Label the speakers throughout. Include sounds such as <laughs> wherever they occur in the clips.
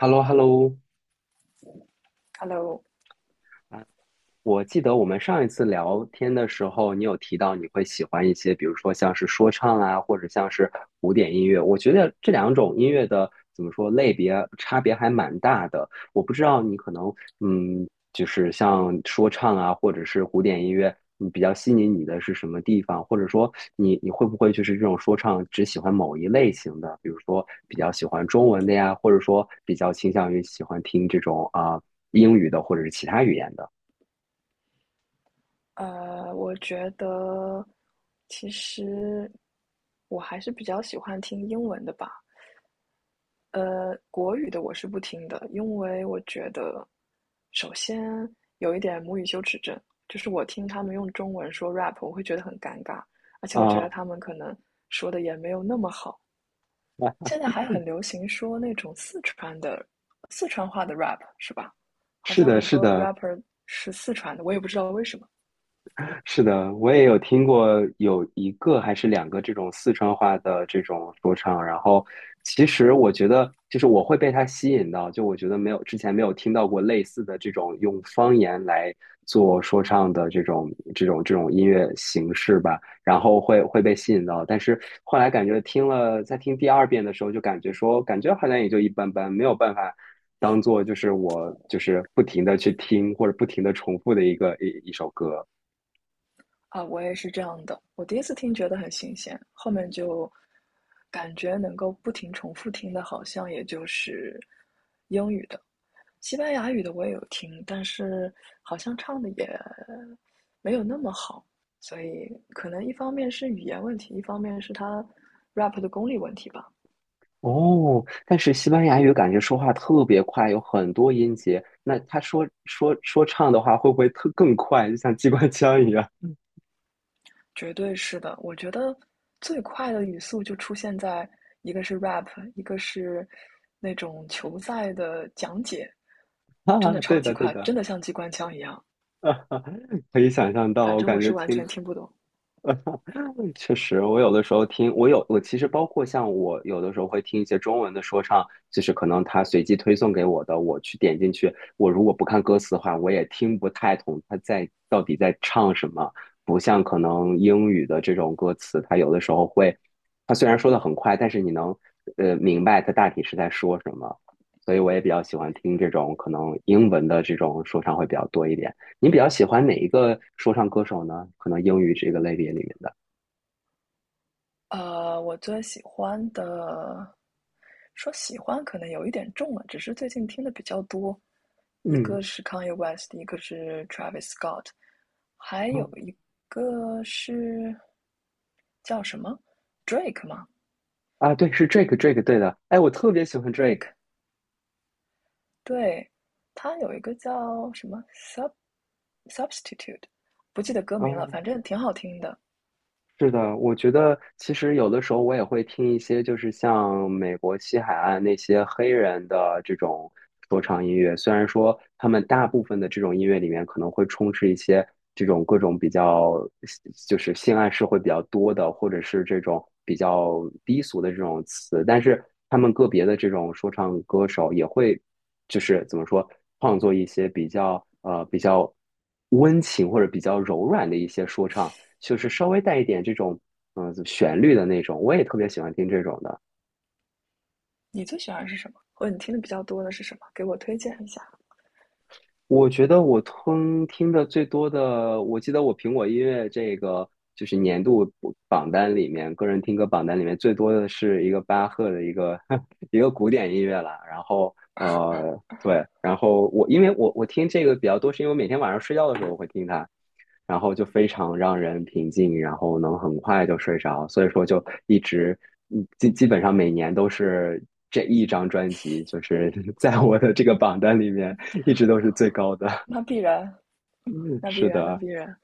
Speaker 1: h e l l o h e l l o
Speaker 2: Hello，
Speaker 1: 啊，我记得我们上一次聊天的时候，你有提到你会喜欢一些，比如说像是说唱啊，或者像是古典音乐。我觉得这两种音乐的怎么说类别差别还蛮大的。我不知道你可能嗯，就是像说唱啊，或者是古典音乐，你比较吸引你的是什么地方？或者说你会不会就是这种说唱只喜欢某一类型的，比如说比较喜欢中文的呀，或者说比较倾向于喜欢听这种啊、英语的或者是其他语言的？
Speaker 2: 我觉得其实我还是比较喜欢听英文的吧。国语的我是不听的，因为我觉得首先有一点母语羞耻症，就是我听他们用中文说 rap，我会觉得很尴尬，而且我觉得
Speaker 1: 啊，
Speaker 2: 他们可能说的也没有那么好。现在还很流行说那种四川的四川话的 rap，是吧？好
Speaker 1: 是
Speaker 2: 像
Speaker 1: 的，
Speaker 2: 很
Speaker 1: 是
Speaker 2: 多
Speaker 1: 的，
Speaker 2: rapper 是四川的，我也不知道为什么。
Speaker 1: 是的，我也有听过有一个还是两个这种四川话的这种说唱，然后其实我觉得就是我会被它吸引到，就我觉得没有之前没有听到过类似的这种用方言来做说唱的这种音乐形式吧，然后会被吸引到，但是后来感觉听了在听第二遍的时候，就感觉说感觉好像也就一般般，没有办法。当做就是我就是不停的去听或者不停的重复的一个一一首歌。
Speaker 2: 啊，我也是这样的。我第一次听觉得很新鲜，后面就感觉能够不停重复听的，好像也就是英语的、西班牙语的我也有听，但是好像唱的也没有那么好。所以可能一方面是语言问题，一方面是他 rap 的功力问题吧。
Speaker 1: 哦，但是西班牙语感觉说话特别快，有很多音节。那他说唱的话，会不会特更快，就像机关枪一样？
Speaker 2: 绝对是的，我觉得最快的语速就出现在一个是 rap，一个是那种球赛的讲解。
Speaker 1: <laughs> 哈
Speaker 2: 真
Speaker 1: 哈，
Speaker 2: 的超
Speaker 1: 对
Speaker 2: 级
Speaker 1: 的，对
Speaker 2: 快，
Speaker 1: 的，
Speaker 2: 真的像机关枪一样。
Speaker 1: <laughs> 哈哈，可以想象到，
Speaker 2: 反
Speaker 1: 我
Speaker 2: 正我
Speaker 1: 感觉
Speaker 2: 是完
Speaker 1: 听
Speaker 2: 全听不懂。
Speaker 1: 嗯确实，我有的时候听，我其实包括像我有的时候会听一些中文的说唱，就是可能他随机推送给我的，我去点进去，我如果不看歌词的话，我也听不太懂到底在唱什么。不像可能英语的这种歌词，它有的时候会，它虽然说的很快，但是你能明白它大体是在说什么。所以我也比较喜欢听这种可能英文的这种说唱会比较多一点。你比较喜欢哪一个说唱歌手呢？可能英语这个类别里面的。
Speaker 2: 我最喜欢的，说喜欢可能有一点重了，只是最近听的比较多。一
Speaker 1: 嗯，
Speaker 2: 个是 Kanye West，一个是 Travis Scott，还
Speaker 1: 哦
Speaker 2: 有一个是叫什么 Drake 吗
Speaker 1: 啊，对，是 Drake，Drake，对的。哎，我特别喜欢 Drake。
Speaker 2: ？Drake，对，他有一个叫什么 Substitute，不记得歌名了，
Speaker 1: 哦，
Speaker 2: 反正挺好听的。
Speaker 1: 是的，我觉得其实有的时候我也会听一些，就是像美国西海岸那些黑人的这种说唱音乐。虽然说他们大部分的这种音乐里面可能会充斥一些这种各种比较，就是性暗示会比较多的，或者是这种比较低俗的这种词，但是他们个别的这种说唱歌手也会，就是怎么说，创作一些比较比较温情或者比较柔软的一些说唱。就是稍微带一点这种旋律的那种，我也特别喜欢听这种的。
Speaker 2: 你最喜欢是什么？或者你听的比较多的是什么？给我推荐一下。
Speaker 1: 我觉得我听的最多的，我记得我苹果音乐这个就是年度榜单里面，个人听歌榜单里面最多的是一个巴赫的一个 <laughs> 一个古典音乐啦。然后对，然后我因为我听这个比较多，是因为我每天晚上睡觉的时候我会听它，然后就非常让人平静，然后能很快就睡着，所以说就一直，基本上每年都是这一张专辑，就是 <laughs> 在我的这个榜单里面一直都是最高的。
Speaker 2: 那必然，
Speaker 1: <laughs>
Speaker 2: 那必
Speaker 1: 是
Speaker 2: 然，那
Speaker 1: 的，
Speaker 2: 必然。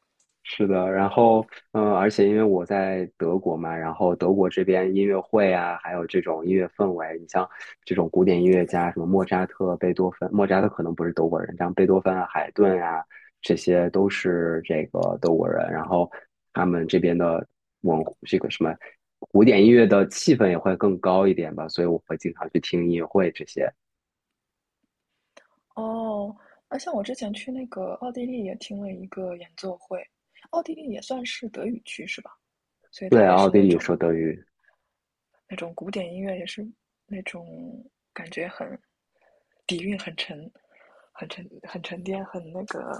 Speaker 1: 是的，然后而且因为我在德国嘛，然后德国这边音乐会啊，还有这种音乐氛围，你像这种古典音乐家，什么莫扎特、贝多芬，莫扎特可能不是德国人，像贝多芬啊、海顿啊，这些都是这个德国人，然后他们这边的文这个什么古典音乐的气氛也会更高一点吧，所以我会经常去听音乐会这些。
Speaker 2: 哦，而像我之前去那个奥地利也听了一个演奏会，奥地利也算是德语区是吧？所以
Speaker 1: 对
Speaker 2: 它
Speaker 1: 啊，
Speaker 2: 也
Speaker 1: 奥
Speaker 2: 是
Speaker 1: 地
Speaker 2: 那
Speaker 1: 利
Speaker 2: 种
Speaker 1: 说德语。
Speaker 2: 那种古典音乐，也是那种感觉很底蕴很沉淀、很那个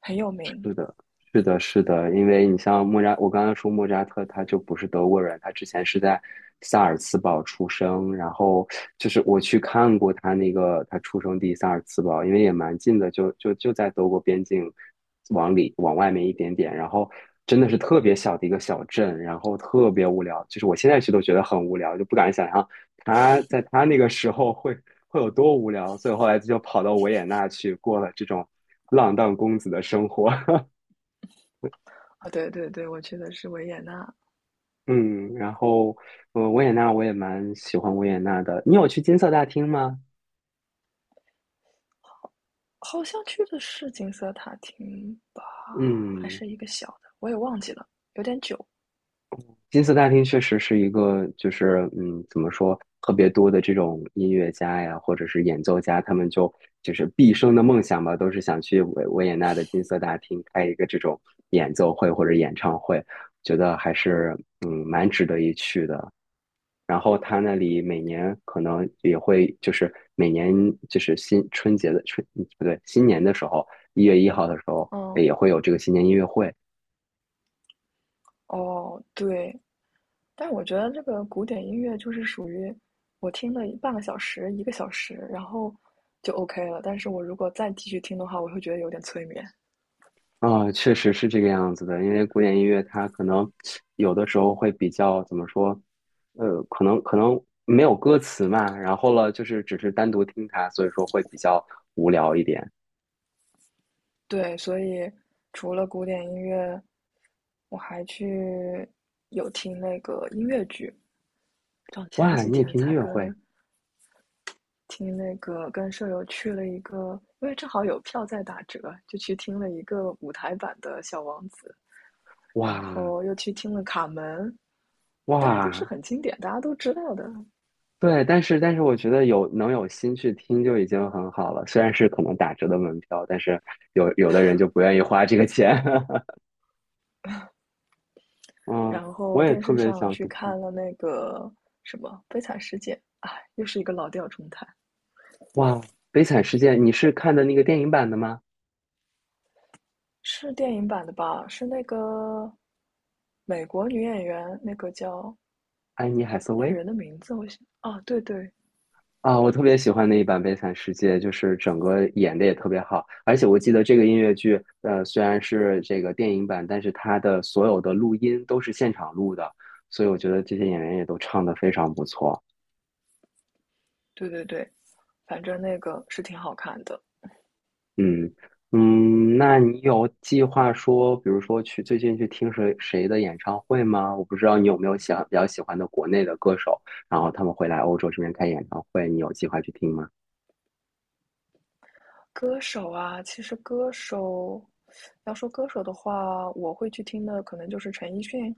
Speaker 2: 很有名。
Speaker 1: 是的，是的，是的，因为你像莫扎，我刚刚说莫扎特，他就不是德国人，他之前是在萨尔茨堡出生，然后就是我去看过他那个他出生地萨尔茨堡，因为也蛮近的，就在德国边境往里往外面一点点，然后真的是特别小的一个小镇，然后特别无聊，就是我现在去都觉得很无聊，就不敢想象他在他那个时候会有多无聊，所以后来就跑到维也纳去过了这种浪荡公子的生活。<laughs>
Speaker 2: 啊！对对对，我去的是维也纳。
Speaker 1: 嗯，然后维也纳我也蛮喜欢维也纳的。你有去金色大厅吗？
Speaker 2: 好像去的是金色塔厅吧，还
Speaker 1: 嗯，
Speaker 2: 是一个小的，我也忘记了，有点久。
Speaker 1: 金色大厅确实是一个，就是怎么说，特别多的这种音乐家呀，或者是演奏家，他们就是毕生的梦想吧，都是想去维也纳的金色大厅开一个这种演奏会或者演唱会，觉得还是蛮值得一去的。然后他那里每年可能也会，就是每年就是新春节的春，不对，新年的时候，1月1号的时候，
Speaker 2: 嗯，
Speaker 1: 也会有这个新年音乐会
Speaker 2: 哦，对，但是我觉得这个古典音乐就是属于我听了半个小时、一个小时，然后就 OK 了。但是我如果再继续听的话，我会觉得有点催眠。
Speaker 1: 啊，确实是这个样子的。因为古典音乐它可能有的时候会比较怎么说，可能没有歌词嘛，然后了就是只是单独听它，所以说会比较无聊一点。
Speaker 2: 对，所以除了古典音乐，我还去有听那个音乐剧，像前
Speaker 1: 哇，
Speaker 2: 几
Speaker 1: 你也
Speaker 2: 天
Speaker 1: 听音
Speaker 2: 才
Speaker 1: 乐会？
Speaker 2: 跟听那个跟舍友去了一个，因为正好有票在打折，就去听了一个舞台版的《小王子》，
Speaker 1: 哇
Speaker 2: 然后又去听了《卡门》，但是都是
Speaker 1: 哇，
Speaker 2: 很经典，大家都知道的。
Speaker 1: 对，但是我觉得有能有心去听就已经很好了，虽然是可能打折的门票，但是有的人就不愿意花这个钱。<laughs> 嗯，
Speaker 2: 然
Speaker 1: 我
Speaker 2: 后
Speaker 1: 也
Speaker 2: 电
Speaker 1: 特
Speaker 2: 视
Speaker 1: 别
Speaker 2: 上
Speaker 1: 想
Speaker 2: 去
Speaker 1: 去听。
Speaker 2: 看了那个什么《悲惨世界》，哎，又是一个老调重弹，
Speaker 1: 哇，《悲惨世界》，你是看的那个电影版的吗？
Speaker 2: 是电影版的吧？是那个美国女演员，那个叫
Speaker 1: 安妮海瑟
Speaker 2: 那个
Speaker 1: 薇
Speaker 2: 人的名字，我想，啊，对对
Speaker 1: 啊，我特别喜欢那一版《悲惨世界》，就是整个演的也特别好，而且我记得这个音乐剧，虽然是这个电影版，但是它的所有的录音都是现场录的，所以我觉得这些演员也都唱得非常不错。
Speaker 2: 对对对，反正那个是挺好看的。
Speaker 1: 嗯嗯，那你有计划说，比如说去最近去听谁谁的演唱会吗？我不知道你有没有想比较喜欢的国内的歌手，然后他们会来欧洲这边开演唱会，你有计划去听吗？
Speaker 2: 歌手啊，其实歌手，要说歌手的话，我会去听的可能就是陈奕迅，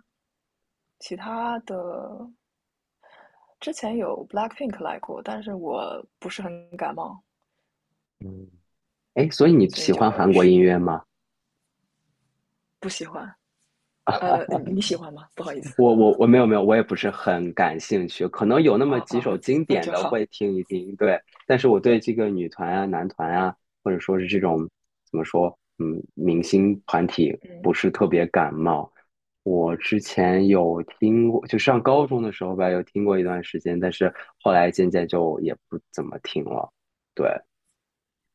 Speaker 2: 其他的之前有 BLACKPINK 来过，但是我不是很感冒，
Speaker 1: 嗯，哎，所以你
Speaker 2: 所以
Speaker 1: 喜
Speaker 2: 就
Speaker 1: 欢
Speaker 2: 没有
Speaker 1: 韩国
Speaker 2: 去，
Speaker 1: 音乐吗？
Speaker 2: 不喜欢。你喜欢吗？不好意思，
Speaker 1: 我没有没有，我也不是很感兴趣，可能有那么
Speaker 2: 啊
Speaker 1: 几
Speaker 2: 啊，
Speaker 1: 首经
Speaker 2: 那
Speaker 1: 典
Speaker 2: 就
Speaker 1: 的
Speaker 2: 好。
Speaker 1: 会听一听，对。但是我对这个女团啊、男团啊，或者说是这种怎么说，明星团体
Speaker 2: 嗯，
Speaker 1: 不是特别感冒。我之前有听过，就上高中的时候吧，有听过一段时间，但是后来渐渐就也不怎么听了。对，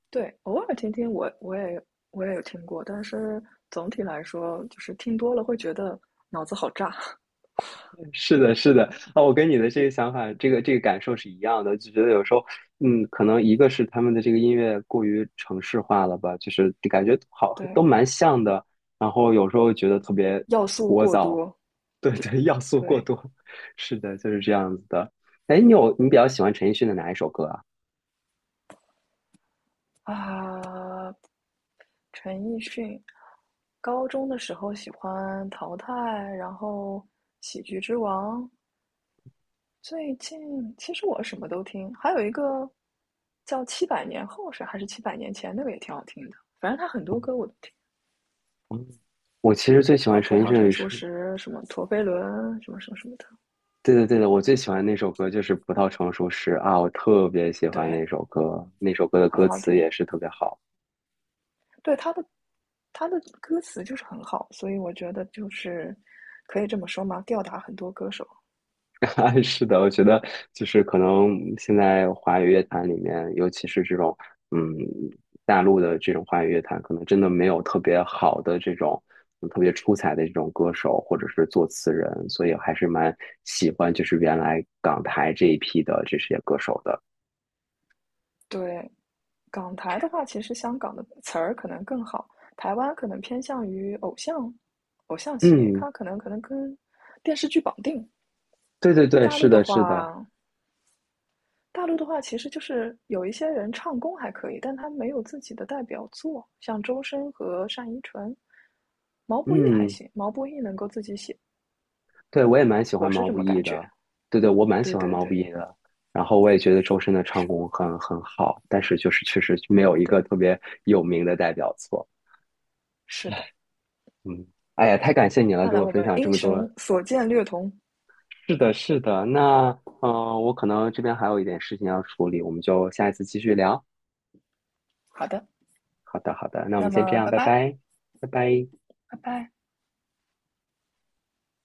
Speaker 2: 对，偶尔听听我也有听过，但是总体来说，就是听多了会觉得脑子好炸，
Speaker 1: 是的，是的，啊，我跟你的这个想法，这个这个感受是一样的，就觉得有时候，可能一个是他们的这个音乐过于城市化了吧，就是感觉
Speaker 2: <laughs>
Speaker 1: 好
Speaker 2: 对，
Speaker 1: 都蛮像的，然后有时候觉得特别
Speaker 2: 要素
Speaker 1: 聒
Speaker 2: 过
Speaker 1: 噪，
Speaker 2: 多，
Speaker 1: <laughs> 对对，要素过
Speaker 2: 对
Speaker 1: 多，<laughs> 是的，就是这样子的。哎，你有你比较喜欢陈奕迅的哪一首歌啊？
Speaker 2: 啊，陈奕迅。高中的时候喜欢《淘汰》，然后《喜剧之王》。最近其实我什么都听，还有一个叫《七百年后》是还是《七百年前》，那个也挺好听的。反正他很多
Speaker 1: <laughs>
Speaker 2: 歌我都听，
Speaker 1: 嗯我其实最喜
Speaker 2: 什
Speaker 1: 欢
Speaker 2: 么《葡
Speaker 1: 陈奕
Speaker 2: 萄
Speaker 1: 迅的
Speaker 2: 成
Speaker 1: 一首，
Speaker 2: 熟时》，什么《陀飞轮》，什么什么什么的，
Speaker 1: 对的对的，我最喜欢那首歌就是《葡萄成熟时》啊，我特别喜欢
Speaker 2: 对，
Speaker 1: 那首歌，那首歌的
Speaker 2: 很
Speaker 1: 歌
Speaker 2: 好
Speaker 1: 词
Speaker 2: 听。
Speaker 1: 也是特别好。
Speaker 2: 对他的他的歌词就是很好，所以我觉得就是可以这么说嘛，吊打很多歌手。
Speaker 1: <laughs> 是的，我觉得就是可能现在华语乐坛里面，尤其是这种嗯大陆的这种华语乐坛，可能真的没有特别好的这种特别出彩的这种歌手或者是作词人，所以还是蛮喜欢就是原来港台这一批的这些歌手的。
Speaker 2: 对，港台的话，其实香港的词儿可能更好，台湾可能偏向于偶像，偶像系列，
Speaker 1: 嗯，
Speaker 2: 它可能跟电视剧绑定。
Speaker 1: 对对对，
Speaker 2: 大
Speaker 1: 是
Speaker 2: 陆的
Speaker 1: 的，是的，
Speaker 2: 话，大陆的话其实就是有一些人唱功还可以，但他没有自己的代表作，像周深和单依纯，毛不易还
Speaker 1: 嗯。
Speaker 2: 行，毛不易能够自己写，
Speaker 1: 对，我也蛮喜欢
Speaker 2: 我是
Speaker 1: 毛
Speaker 2: 这
Speaker 1: 不
Speaker 2: 么
Speaker 1: 易
Speaker 2: 感觉。
Speaker 1: 的，对对，我蛮喜
Speaker 2: 对
Speaker 1: 欢
Speaker 2: 对
Speaker 1: 毛不
Speaker 2: 对
Speaker 1: 易的。然后我也觉得周深的唱功很好，但是就是确实没有一个
Speaker 2: 对，
Speaker 1: 特别有名的代表作。
Speaker 2: 是的。
Speaker 1: 嗯，哎呀，太感谢你了，
Speaker 2: 看
Speaker 1: 跟
Speaker 2: 来
Speaker 1: 我
Speaker 2: 我
Speaker 1: 分
Speaker 2: 们
Speaker 1: 享这
Speaker 2: 英
Speaker 1: 么多。
Speaker 2: 雄所见略同。
Speaker 1: 是的，是的。那我可能这边还有一点事情要处理，我们就下一次继续聊。
Speaker 2: 好的，
Speaker 1: 好的，好的，那我
Speaker 2: 那
Speaker 1: 们先这
Speaker 2: 么
Speaker 1: 样，
Speaker 2: 拜
Speaker 1: 拜
Speaker 2: 拜，
Speaker 1: 拜，拜拜。
Speaker 2: 拜拜。